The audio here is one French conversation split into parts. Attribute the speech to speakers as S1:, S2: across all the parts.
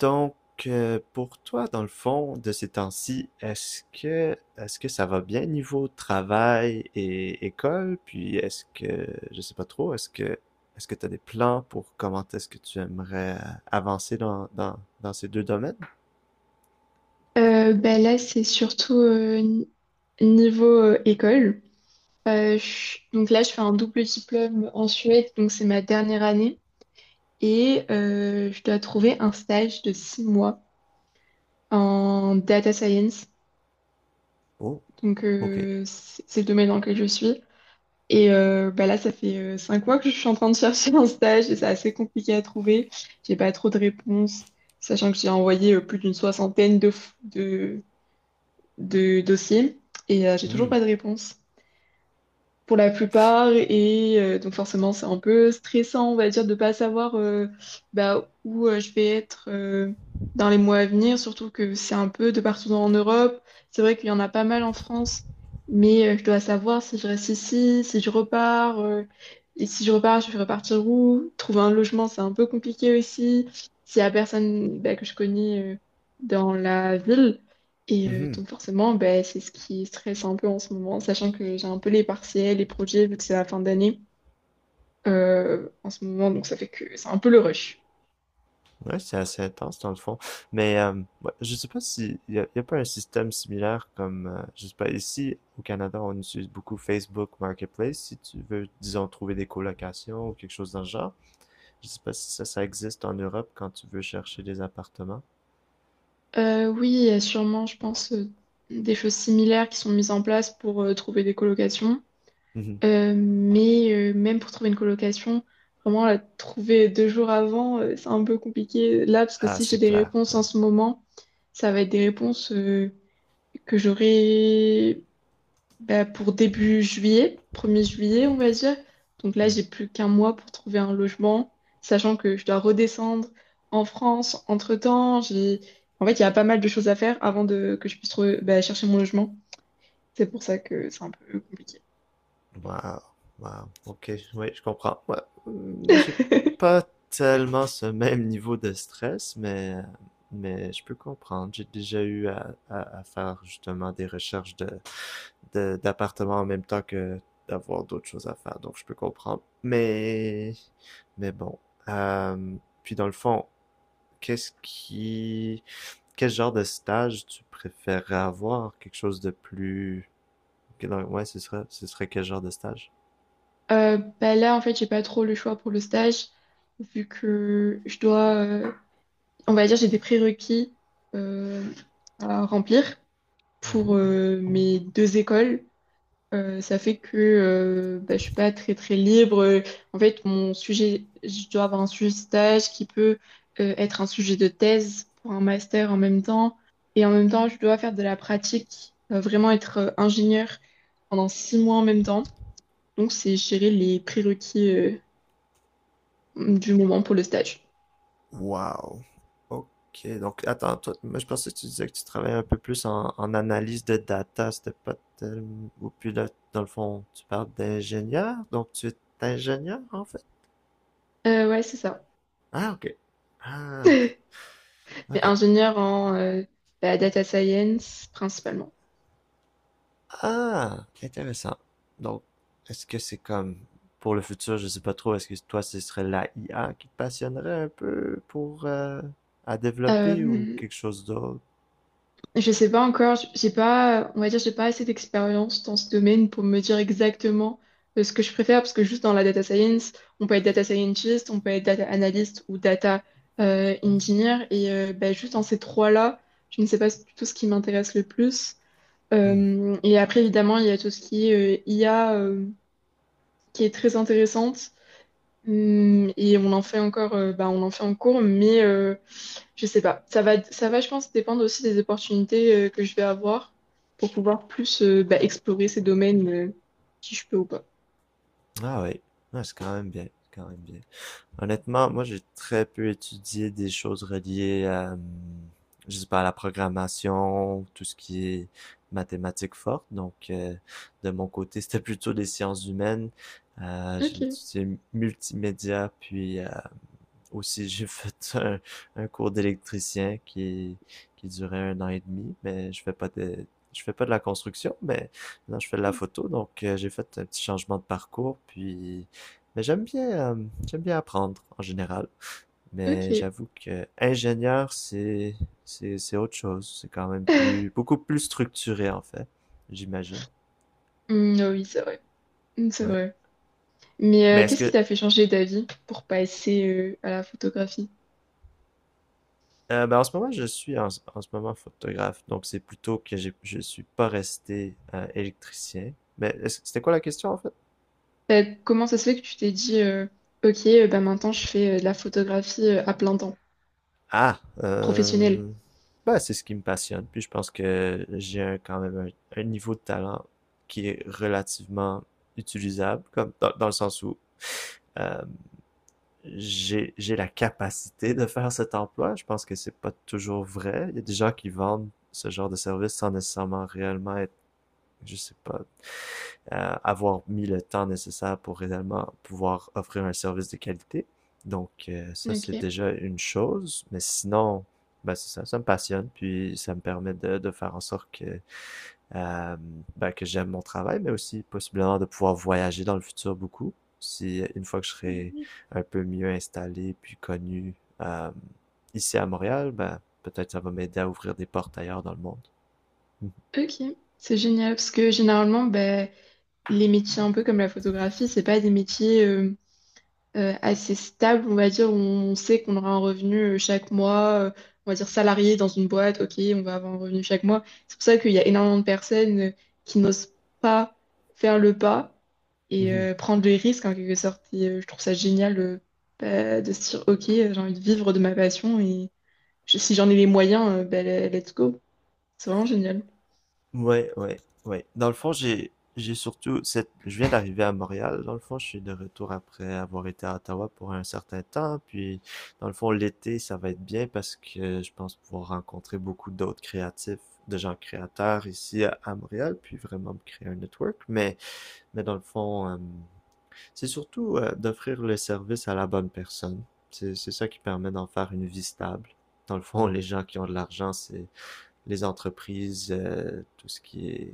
S1: Donc, pour toi, dans le fond, de ces temps-ci, est-ce que ça va bien niveau travail et école? Puis est-ce que je sais pas trop, est-ce que tu as des plans pour comment est-ce que tu aimerais avancer dans ces deux domaines?
S2: Bah là, c'est surtout niveau école. Donc là, je fais un double diplôme en Suède, donc c'est ma dernière année. Et je dois trouver un stage de 6 mois en data science.
S1: Oh,
S2: Donc
S1: ok.
S2: euh, c'est le domaine dans lequel je suis. Et bah là, ça fait 5 mois que je suis en train de chercher un stage et c'est assez compliqué à trouver. J'ai pas trop de réponses, sachant que j'ai envoyé plus d'une soixantaine de dossiers et j'ai toujours
S1: Hmm.
S2: pas de réponse pour la plupart. Et donc forcément, c'est un peu stressant, on va dire, de pas savoir, bah, où je vais être dans les mois à venir, surtout que c'est un peu de partout en Europe. C'est vrai qu'il y en a pas mal en France, mais je dois savoir si je reste ici, si je repars. Et si je repars, je vais repartir où? Trouver un logement, c'est un peu compliqué aussi. S'il y a personne, bah, que je connais, dans la ville. Et
S1: Mhm.
S2: donc forcément, ben, c'est ce qui stresse un peu en ce moment, sachant que j'ai un peu les partiels, les projets, vu que c'est la fin d'année en ce moment, donc ça fait que c'est un peu le rush.
S1: Ouais, c'est assez intense dans le fond. Mais ouais, je sais pas si y a pas un système similaire comme je sais pas, ici au Canada on utilise beaucoup Facebook Marketplace si tu veux, disons, trouver des colocations ou quelque chose dans le genre. Je sais pas si ça existe en Europe quand tu veux chercher des appartements.
S2: Oui, il y a sûrement, je pense, des choses similaires qui sont mises en place pour trouver des colocations.
S1: Mhm.
S2: Mais, même pour trouver une colocation, vraiment la trouver 2 jours avant, c'est un peu compliqué là, parce que
S1: Ah,
S2: si j'ai
S1: c'est
S2: des
S1: clair.
S2: réponses
S1: Ouais.
S2: en ce moment, ça va être des réponses que j'aurai, bah, pour début juillet, 1er juillet, on va dire. Donc là,
S1: Mm.
S2: j'ai plus qu'un mois pour trouver un logement, sachant que je dois redescendre en France. Entre-temps, j'ai... En fait, il y a pas mal de choses à faire avant de... que je puisse bah, chercher mon logement. C'est pour ça que c'est un peu compliqué.
S1: Waouh, waouh, OK, oui, je comprends. Ouais, moi, j'ai pas tellement ce même niveau de stress, mais je peux comprendre. J'ai déjà eu à, à faire justement des recherches de, d'appartements en même temps que d'avoir d'autres choses à faire, donc je peux comprendre. Mais bon. Euh, puis dans le fond, qu'est-ce qui, quel genre de stage tu préférerais avoir? Quelque chose de plus... Ouais, ce serait quel genre de stage?
S2: Bah là, en fait, j'ai pas trop le choix pour le stage, vu que je dois... On va dire, j'ai des prérequis euh, à remplir pour mes deux écoles. Ça fait que bah, je suis pas très très libre. En fait, mon sujet, je dois avoir un sujet de stage qui peut être un sujet de thèse pour un master en même temps. Et en même temps, je dois faire de la pratique, vraiment être ingénieur pendant 6 mois en même temps. Donc, c'est gérer les prérequis du moment pour le stage.
S1: Wow! OK. Donc, attends, toi, moi, je pensais que tu disais que tu travaillais un peu plus en, en analyse de data. C'était pas tellement. Ou puis là, dans le fond, tu parles d'ingénieur. Donc, tu es ingénieur, en fait?
S2: Ouais, c'est ça.
S1: Ah, OK. Ah, OK.
S2: Mais
S1: OK.
S2: ingénieur en, bah, data science principalement.
S1: Ah, intéressant. Donc, est-ce que c'est comme. Pour le futur, je sais pas trop, est-ce que toi, ce serait la IA qui te passionnerait un peu pour. À développer ou
S2: Euh,
S1: quelque chose d'autre?
S2: Je sais pas encore, j'ai pas, on va dire, j'ai pas assez d'expérience dans ce domaine pour me dire exactement ce que je préfère, parce que juste dans la data science, on peut être data scientist, on peut être data analyst ou data engineer, et bah, juste dans ces trois-là, je ne sais pas du tout ce qui m'intéresse le plus.
S1: Hmm.
S2: Et après, évidemment, il y a tout ce qui est IA, qui est très intéressante. Et on en fait encore, bah, on en fait en cours, mais je sais pas. Ça va, je pense, dépendre aussi des opportunités que je vais avoir pour pouvoir plus, bah, explorer ces domaines, si je peux ou pas.
S1: Ah, oui. Ah, c'est quand même bien. C'est quand même bien. Honnêtement, moi, j'ai très peu étudié des choses reliées à, je sais pas, à la programmation, tout ce qui est mathématiques fortes. Donc, de mon côté, c'était plutôt des sciences humaines. J'ai
S2: Ok,
S1: étudié multimédia, puis aussi, j'ai fait un cours d'électricien qui durait un an et demi, mais je fais pas de, je fais pas de la construction, mais non, je fais de la photo, donc j'ai fait un petit changement de parcours, puis mais j'aime bien apprendre en général.
S2: ok.
S1: Mais j'avoue que ingénieur, c'est autre chose. C'est quand même plus, beaucoup plus structuré en fait, j'imagine.
S2: Hmm, ah oui, c'est vrai. Hmm, c'est
S1: Ouais.
S2: vrai.
S1: Mais
S2: Mais, qu'est-ce qui t'a fait changer d'avis pour passer à la photographie?
S1: Ben, en ce moment, en ce moment photographe, donc c'est plutôt que j'ai, je suis pas resté électricien. Mais est-ce- c'était quoi la question en fait?
S2: Bah, comment ça se fait que tu t'es dit, ok, bah, maintenant je fais de la photographie à plein temps,
S1: Ah,
S2: professionnelle.
S1: ben, c'est ce qui me passionne. Puis je pense que j'ai un- quand même un niveau de talent qui est relativement utilisable, comme dans le sens où euh, j'ai la capacité de faire cet emploi. Je pense que c'est pas toujours vrai. Il y a des gens qui vendent ce genre de service sans nécessairement réellement être, je sais pas, avoir mis le temps nécessaire pour réellement pouvoir offrir un service de qualité. Donc, ça, c'est
S2: Ok,
S1: déjà une chose. Mais sinon, ben, c'est ça, ça me passionne. Puis, ça me permet de faire en sorte que, euh, ben, que j'aime mon travail, mais aussi possiblement de pouvoir voyager dans le futur beaucoup. Si une fois que je serai un peu mieux installé puis connu euh, ici à Montréal, ben, peut-être ça va m'aider à ouvrir des portes ailleurs dans le monde.
S2: ok. C'est génial parce que généralement, bah, les métiers un peu comme la photographie, c'est pas des métiers assez stable, on va dire, où on sait qu'on aura un revenu chaque mois, on va dire salarié dans une boîte, ok, on va avoir un revenu chaque mois. C'est pour ça qu'il y a énormément de personnes qui n'osent pas faire le pas et
S1: Mhm.
S2: euh, prendre des risques en quelque sorte. Et je trouve ça génial, bah, de se dire, ok, j'ai envie de vivre de ma passion et si j'en ai les moyens, bah, let's go. C'est vraiment génial.
S1: Ouais, ouais, ouais. Dans le fond, j'ai surtout cette je viens d'arriver à Montréal. Dans le fond, je suis de retour après avoir été à Ottawa pour un certain temps. Puis, dans le fond, l'été, ça va être bien parce que je pense pouvoir rencontrer beaucoup d'autres créatifs, de gens créateurs ici à Montréal, puis vraiment me créer un network. Mais dans le fond, c'est surtout d'offrir le service à la bonne personne. C'est ça qui permet d'en faire une vie stable. Dans le fond, les gens qui ont de l'argent, c'est les entreprises, tout ce qui est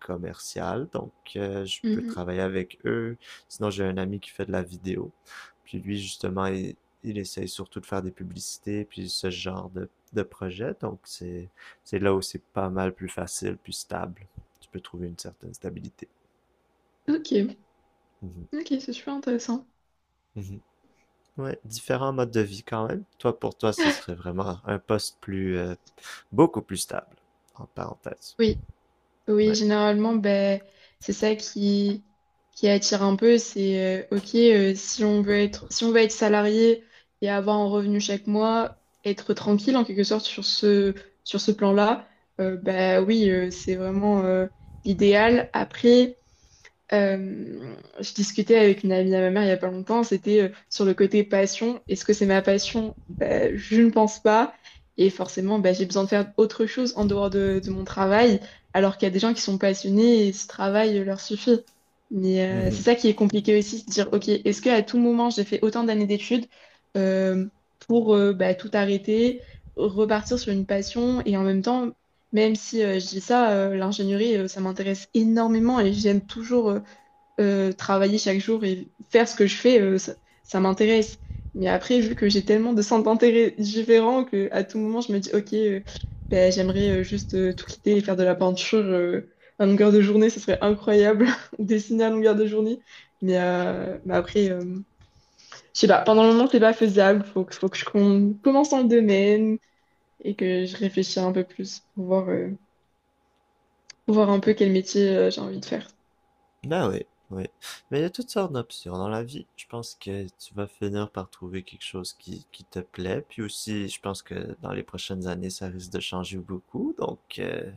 S1: commercial. Donc, je peux
S2: Mhm.
S1: travailler avec eux. Sinon, j'ai un ami qui fait de la vidéo. Puis lui, justement, il essaye surtout de faire des publicités, puis ce genre de projet. Donc, c'est là où c'est pas mal plus facile, plus stable. Tu peux trouver une certaine stabilité.
S2: Ok,
S1: Mhm.
S2: ok, c'est super intéressant.
S1: Mhm. Ouais, différents modes de vie quand même. Toi, pour toi, ce serait vraiment un poste plus, beaucoup plus stable, en parenthèse.
S2: Oui. Oui,
S1: Ouais.
S2: généralement, ben, c'est ça qui attire un peu. C'est, OK, si on veut être salarié et avoir un revenu chaque mois, être tranquille en quelque sorte sur ce plan-là, ben oui, c'est vraiment l'idéal. Après, je discutais avec une amie à ma mère il y a pas longtemps, c'était sur le côté passion. Est-ce que c'est ma passion? Ben, je ne pense pas. Et forcément, ben, j'ai besoin de faire autre chose en dehors de mon travail, alors qu'il y a des gens qui sont passionnés et ce travail leur suffit. Mais, c'est
S1: Mhm.
S2: ça qui est compliqué aussi, de dire, OK, est-ce qu'à tout moment, j'ai fait autant d'années d'études euh, pour, ben, tout arrêter, repartir sur une passion et en même temps... Même si, je dis ça, l'ingénierie, ça m'intéresse énormément et j'aime toujours, travailler chaque jour et faire ce que je fais, ça, ça m'intéresse. Mais après, vu que j'ai tellement de centres d'intérêt différents que à tout moment, je me dis, OK, ben, j'aimerais juste tout quitter et faire de la peinture à longueur de journée, ce serait incroyable, ou dessiner à longueur de journée. Mais après, je sais pas, pendant le moment, c'est pas faisable. Faut que je commence dans le domaine et que je réfléchisse un peu plus pour voir, pour voir un peu quel métier j'ai envie de faire.
S1: Ben oui, oui. Mais il y a toutes sortes d'options dans la vie. Je pense que tu vas finir par trouver quelque chose qui te plaît. Puis aussi, je pense que dans les prochaines années, ça risque de changer beaucoup. Donc,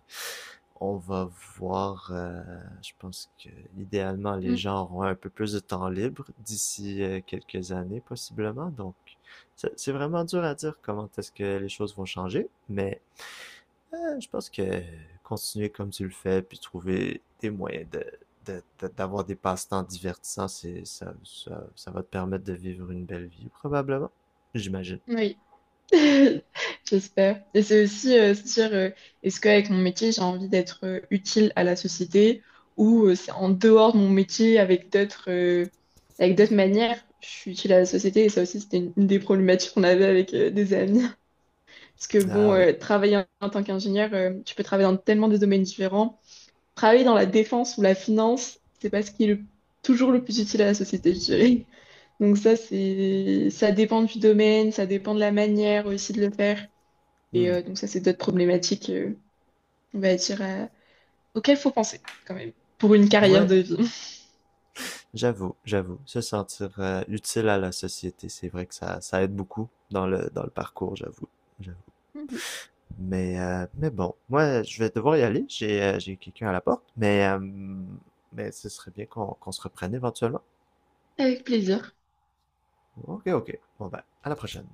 S1: on va voir. Je pense que idéalement, les
S2: Mm.
S1: gens auront un peu plus de temps libre d'ici quelques années, possiblement. Donc, c'est vraiment dur à dire comment est-ce que les choses vont changer. Mais je pense que continuer comme tu le fais, puis trouver des moyens de, d'avoir des passe-temps divertissants, c'est, ça va te permettre de vivre une belle vie, probablement. J'imagine.
S2: Oui. J'espère. Et c'est aussi, se dire, est-ce qu'avec mon métier, j'ai envie d'être utile à la société, ou c'est en dehors de mon métier avec d'autres, avec d'autres manières, je suis utile à la société. Et ça aussi, c'était une des problématiques qu'on avait avec des amis. Parce que
S1: Ah
S2: bon,
S1: oui.
S2: travailler en tant qu'ingénieur, tu peux travailler dans tellement de domaines différents. Travailler dans la défense ou la finance, c'est pas ce qui est toujours le plus utile à la société, je dirais. Donc ça, ça dépend du domaine, ça dépend de la manière aussi de le faire. Et
S1: Hmm.
S2: euh, donc ça, c'est d'autres problématiques, on va dire, auxquelles faut penser quand même pour une carrière
S1: Ouais,
S2: de vie.
S1: j'avoue, j'avoue. Se sentir utile à la société, c'est vrai que ça aide beaucoup dans le parcours, j'avoue. J'avoue. Mais bon, moi, je vais devoir y aller. J'ai quelqu'un à la porte, mais ce serait bien qu'on se reprenne éventuellement.
S2: Avec plaisir.
S1: Ok, ok. Bon ben, à la prochaine.